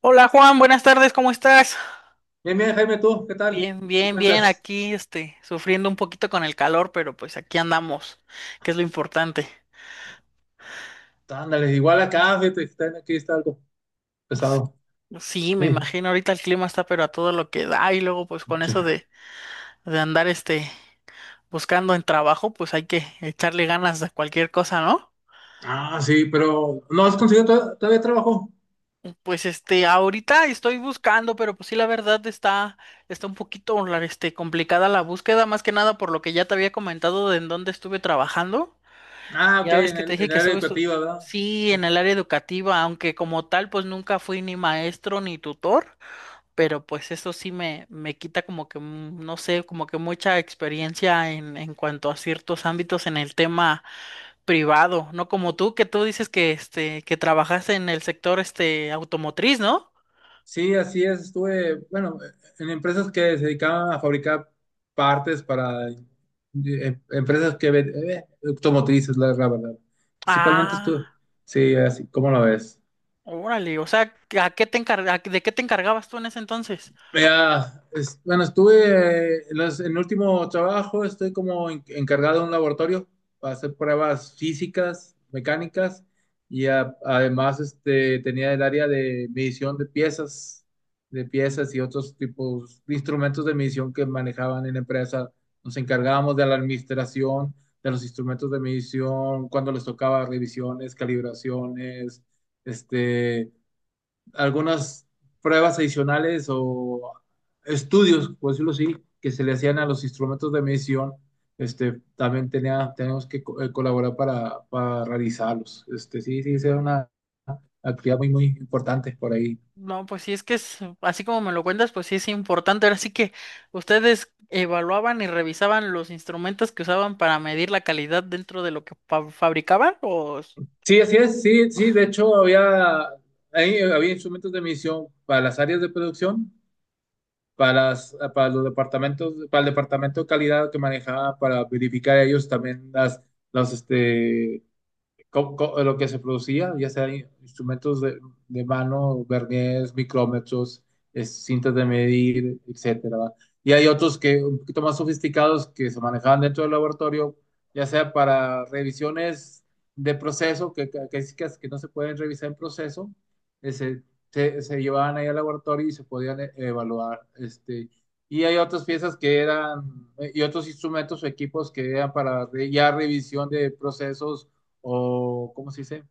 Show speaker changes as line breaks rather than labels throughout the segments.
Hola Juan, buenas tardes, ¿cómo estás?
Bien, bien, Jaime, ¿tú qué tal?
Bien,
¿Qué
bien, bien,
cuentas?
aquí sufriendo un poquito con el calor, pero pues aquí andamos, que es lo importante.
Ándale, igual acá, fíjate, aquí está algo
S-
pesado.
Sí, me
Sí.
imagino, ahorita el clima está pero a todo lo que da y luego pues con eso de andar buscando en trabajo, pues hay que echarle ganas a cualquier cosa, ¿no?
Ah, sí, pero ¿no has conseguido todavía trabajo?
Pues ahorita estoy buscando, pero pues sí, la verdad está un poquito complicada la búsqueda, más que nada por lo que ya te había comentado de en dónde estuve trabajando.
Ah, ok,
Ya ves
en
que te dije
en el
que
área educativa, ¿verdad?
sí,
Sí.
en el área educativa, aunque como tal, pues nunca fui ni maestro ni tutor, pero pues eso sí me quita como que, no sé, como que mucha experiencia en cuanto a ciertos ámbitos en el tema privado, no como tú, que tú dices que que trabajaste en el sector este automotriz, ¿no?
Sí, así es, estuve, bueno, en empresas que se dedicaban a fabricar partes para empresas que automotrices, la verdad. Principalmente estuve,
Ah,
sí, así, ¿cómo lo ves?
órale, o sea, ¿a qué de qué te encargabas tú en ese entonces?
Bueno, estuve en en el último trabajo, estoy como encargado de un laboratorio para hacer pruebas físicas, mecánicas, y además este, tenía el área de medición de piezas y otros tipos de instrumentos de medición que manejaban en la empresa. Nos encargábamos de la administración de los instrumentos de medición, cuando les tocaba revisiones, calibraciones, este, algunas pruebas adicionales o estudios, por decirlo así, que se le hacían a los instrumentos de medición, este, también tenía, tenemos que colaborar para realizarlos. Este, sí, era una actividad muy, muy importante por ahí.
No, pues sí, es que así como me lo cuentas, pues sí es importante. Ahora sí que ustedes evaluaban y revisaban los instrumentos que usaban para medir la calidad dentro de lo que fabricaban, o s-
Sí, así es, sí, sí, de hecho había, ahí había instrumentos de medición para las áreas de producción, para, las, para los departamentos, para el departamento de calidad que manejaba para verificar ellos también las, este, lo que se producía, ya sea instrumentos de mano, verniers, micrómetros, cintas de medir, etcétera. ¿Va? Y hay otros que un poquito más sofisticados que se manejaban dentro del laboratorio, ya sea para revisiones de proceso, que, sí que no se pueden revisar en proceso, eh, se, se llevaban ahí al laboratorio y se podían evaluar, este. Y hay otras piezas que eran, y otros instrumentos o equipos que eran para ya revisión de procesos o ¿cómo se dice?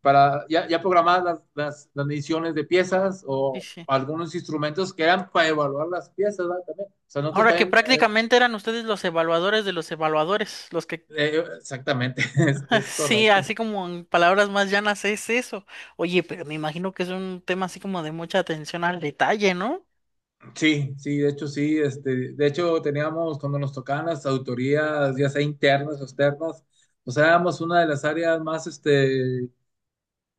Para ya, ya programadas las mediciones de piezas
sí,
o
sí.
algunos instrumentos que eran para evaluar las piezas, ¿verdad? También. O sea, nosotros
Ahora que
también,
prácticamente eran ustedes los evaluadores de los evaluadores, los que…
exactamente, es,
Sí,
correcto.
así como en palabras más llanas es eso. Oye, pero me imagino que es un tema así como de mucha atención al detalle, ¿no?
Sí, sí, de hecho, sí, este, de hecho teníamos, cuando nos tocaban las autorías, ya sea internas o externas, pues éramos una de las áreas más, este,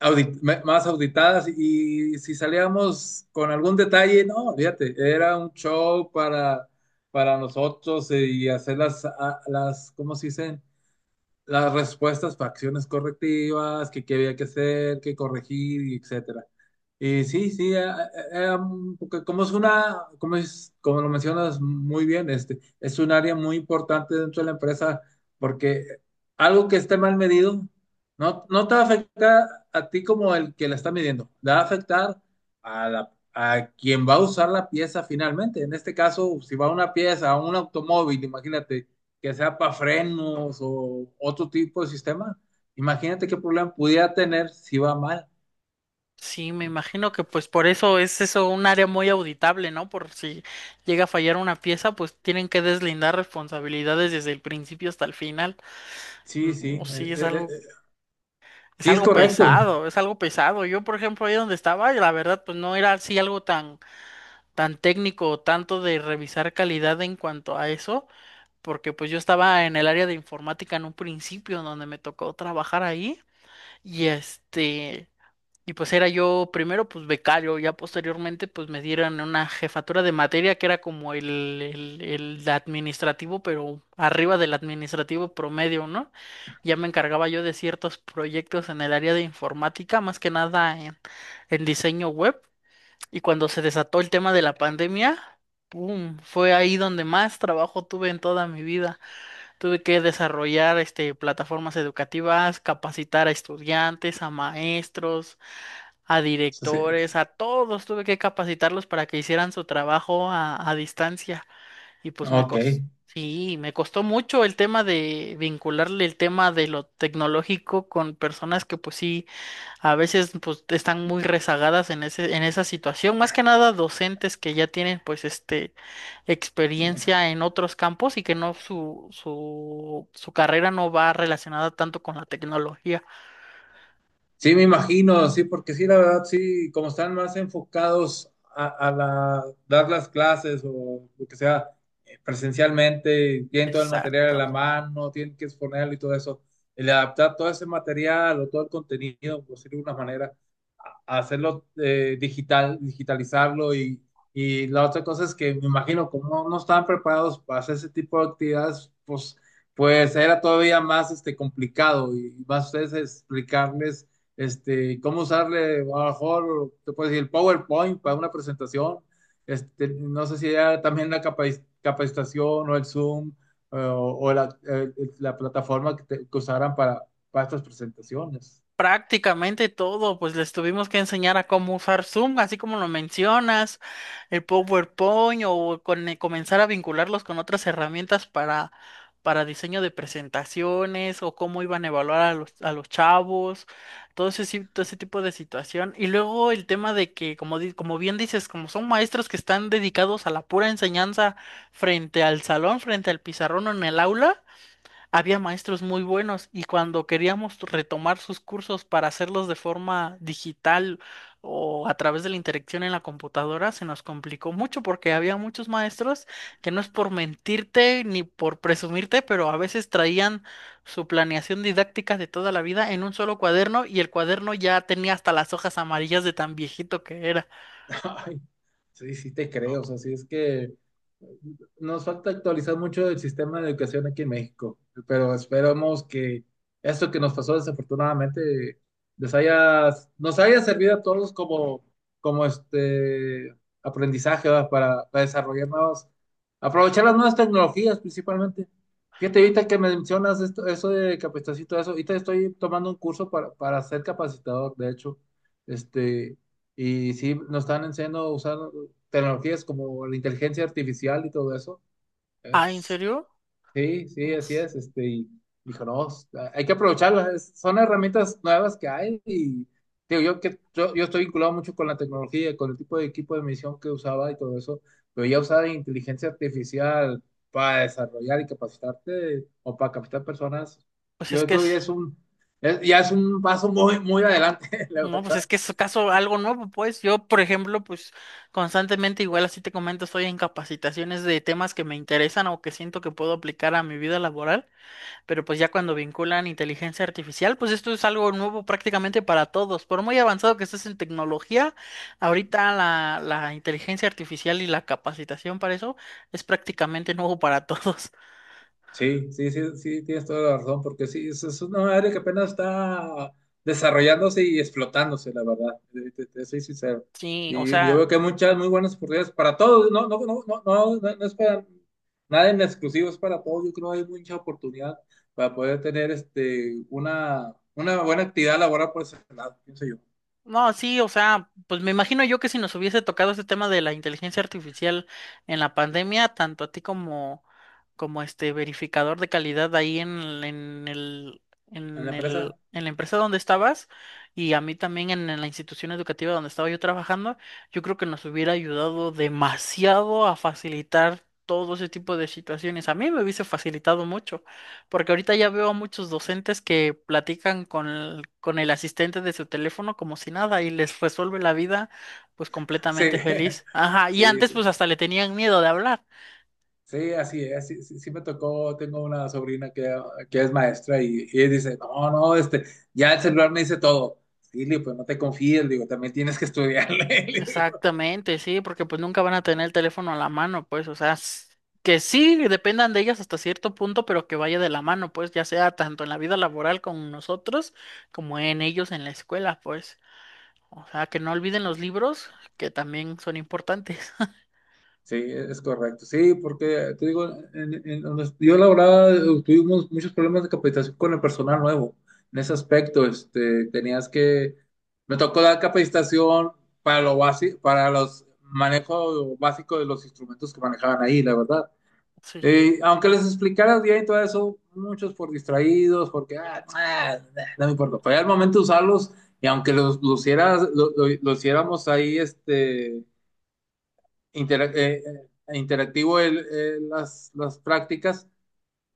más auditadas, y si salíamos con algún detalle, no, fíjate, era un show para nosotros, y hacer las, ¿cómo se dicen? Las respuestas para acciones correctivas, que qué había que hacer, qué corregir, y etc. Y sí, sí, porque como es una, como es, como lo mencionas muy bien, este, es un área muy importante dentro de la empresa, porque algo que esté mal medido no te va a afectar a ti como el que la está midiendo, le va a afectar a la, a quien va a usar la pieza finalmente. En este caso, si va una pieza a un automóvil, imagínate que sea para frenos o otro tipo de sistema, imagínate qué problema pudiera tener si va mal.
Sí, me imagino que pues por eso es eso un área muy auditable, ¿no? Por si llega a fallar una pieza, pues tienen que deslindar responsabilidades desde el principio hasta el final.
Sí,
No,
sí,
sí, es
sí, es
algo
correcto.
pesado, es algo pesado. Yo, por ejemplo, ahí donde estaba, la verdad, pues no era así algo tan técnico o tanto de revisar calidad en cuanto a eso, porque pues yo estaba en el área de informática en un principio, donde me tocó trabajar ahí, y este. Y pues era yo primero pues becario, ya posteriormente pues me dieron una jefatura de materia que era como el administrativo, pero arriba del administrativo promedio, ¿no? Ya me encargaba yo de ciertos proyectos en el área de informática, más que nada en diseño web. Y cuando se desató el tema de la pandemia, ¡pum! Fue ahí donde más trabajo tuve en toda mi vida. Tuve que desarrollar plataformas educativas, capacitar a estudiantes, a maestros a
Sí, sí.
directores, a todos, tuve que capacitarlos para que hicieran su trabajo a distancia y pues me
Ok.
costó, sí, me costó mucho el tema de vincularle el tema de lo tecnológico con personas que pues sí, a veces pues están muy rezagadas en en esa situación, más que nada docentes que ya tienen pues experiencia en otros campos y que no su, su, su carrera no va relacionada tanto con la tecnología.
Sí, me imagino, sí, porque sí, la verdad, sí, como están más enfocados a, dar las clases o lo que sea, presencialmente, tienen todo el material a la
Exactamente.
mano, tienen que exponerlo y todo eso, el adaptar todo ese material o todo el contenido, por decirlo de una manera, hacerlo digital, digitalizarlo, y la otra cosa es que me imagino como no, no estaban preparados para hacer ese tipo de actividades, pues, pues era todavía más este, complicado, y más ustedes explicarles este, cómo usarle, a lo mejor, te puedes decir, el PowerPoint para una presentación, este, no sé si era también la capacitación o el Zoom, o la plataforma que usaran para estas presentaciones.
Prácticamente todo, pues les tuvimos que enseñar a cómo usar Zoom, así como lo mencionas, el PowerPoint o comenzar a vincularlos con otras herramientas para diseño de presentaciones o cómo iban a evaluar a a los chavos, todo ese, si- todo ese tipo de situación. Y luego el tema de que, como bien dices, como son maestros que están dedicados a la pura enseñanza frente al salón, frente al pizarrón o en el aula. Había maestros muy buenos y cuando queríamos retomar sus cursos para hacerlos de forma digital o a través de la interacción en la computadora, se nos complicó mucho porque había muchos maestros que no es por mentirte ni por presumirte, pero a veces traían su planeación didáctica de toda la vida en un solo cuaderno y el cuaderno ya tenía hasta las hojas amarillas de tan viejito que era.
Ay, sí, sí te creo, o sea, sí es que nos falta actualizar mucho el sistema de educación aquí en México, pero esperamos que esto que nos pasó desafortunadamente les haya, nos haya servido a todos como, como este aprendizaje, ¿verdad? Para desarrollar nuevas, aprovechar las nuevas tecnologías principalmente. Fíjate, ahorita que me mencionas esto, eso de capacitación y todo eso, ahorita estoy tomando un curso para ser capacitador, de hecho, este, y sí, nos están enseñando a usar tecnologías como la inteligencia artificial y todo eso.
Ah, ¿en
Es-
serio?
sí, sí, así
Uf.
es. Este, y dijo, no, s- ah, hay que aprovecharlas. Son herramientas nuevas que hay. Y digo, yo estoy vinculado mucho con la tecnología, con el tipo de equipo de misión que usaba y todo eso. Pero ya usar inteligencia artificial para desarrollar y capacitarte o para capacitar personas,
Pues
yo
es que
creo que ya
es…
es ya es un paso muy, muy adelante, la
No, pues es
verdad.
que es caso algo nuevo, pues yo, por ejemplo, pues constantemente, igual así te comento, estoy en capacitaciones de temas que me interesan o que siento que puedo aplicar a mi vida laboral, pero pues ya cuando vinculan inteligencia artificial, pues esto es algo nuevo prácticamente para todos. Por muy avanzado que estés en tecnología, ahorita la inteligencia artificial y la capacitación para eso es prácticamente nuevo para todos.
Sí, sí, tienes toda la razón, porque sí, es una área que apenas está desarrollándose y explotándose, la verdad, te soy sincero.
Sí, o
Y yo
sea,
veo que hay muchas muy buenas oportunidades para todos, no es para nada en exclusivo, es para todos. Yo creo que hay mucha oportunidad para poder tener este, una buena actividad laboral por ese lado, pienso yo,
no, sí, o sea, pues me imagino yo que si nos hubiese tocado este tema de la inteligencia artificial en la pandemia, tanto a ti como este verificador de calidad ahí
en la empresa.
en la empresa donde estabas y a mí también en la institución educativa donde estaba yo trabajando, yo creo que nos hubiera ayudado demasiado a facilitar todo ese tipo de situaciones. A mí me hubiese facilitado mucho. Porque ahorita ya veo a muchos docentes que platican con con el asistente de su teléfono como si nada y les resuelve la vida pues
Sí,
completamente feliz. Ajá, y
sí,
antes
sí.
pues hasta le tenían miedo de hablar.
Sí, así es, sí, sí me tocó, tengo una sobrina que es maestra y ella dice, no, no, este, ya el celular me dice todo. Sí, le digo, pues no te confíes, le digo, también tienes que estudiarle. Le digo.
Exactamente, sí, porque pues nunca van a tener el teléfono a la mano, pues, o sea, s- que sí dependan de ellas hasta cierto punto, pero que vaya de la mano, pues, ya sea tanto en la vida laboral con nosotros como en ellos en la escuela, pues. O sea, que no olviden los libros, que también son importantes.
Sí, es correcto, sí, porque te digo, en donde yo laboraba, tuvimos muchos problemas de capacitación con el personal nuevo. En ese aspecto, este, me tocó dar capacitación para lo básico, para los manejo básico de los instrumentos que manejaban ahí, la verdad.
Sí.
Aunque les explicaras bien y todo eso, muchos por distraídos, porque no me importa. Pero ya al momento de usarlos, y aunque los lo hiciéramos ahí este, intera- eh, interactivo las prácticas,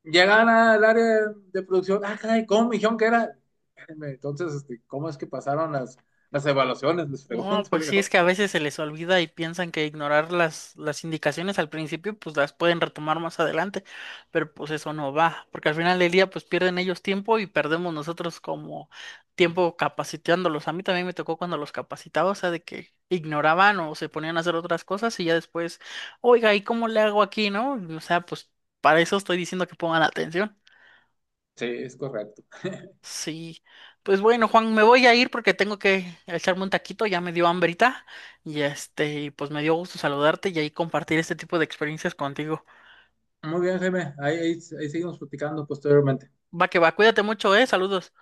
llegaban al área de producción. Ah, caray, ¿cómo me dijeron que era? Espérenme. Entonces, este, ¿cómo es que pasaron las evaluaciones? Les
No,
pregunto,
pues
le
sí, es
digo.
que a veces se les olvida y piensan que ignorar las indicaciones al principio, pues las pueden retomar más adelante, pero pues eso no va, porque al final del día, pues pierden ellos tiempo y perdemos nosotros como tiempo capacitándolos. A mí también me tocó cuando los capacitaba, o sea, de que ignoraban o se ponían a hacer otras cosas y ya después, oiga, ¿y cómo le hago aquí, no? O sea, pues para eso estoy diciendo que pongan atención.
Sí, es correcto.
Sí, pues bueno, Juan, me voy a ir porque tengo que echarme un taquito, ya me dio hambrita y pues me dio gusto saludarte y ahí compartir este tipo de experiencias contigo.
Muy bien, Jaime. Ahí, ahí seguimos platicando posteriormente.
Va que va, cuídate mucho, saludos.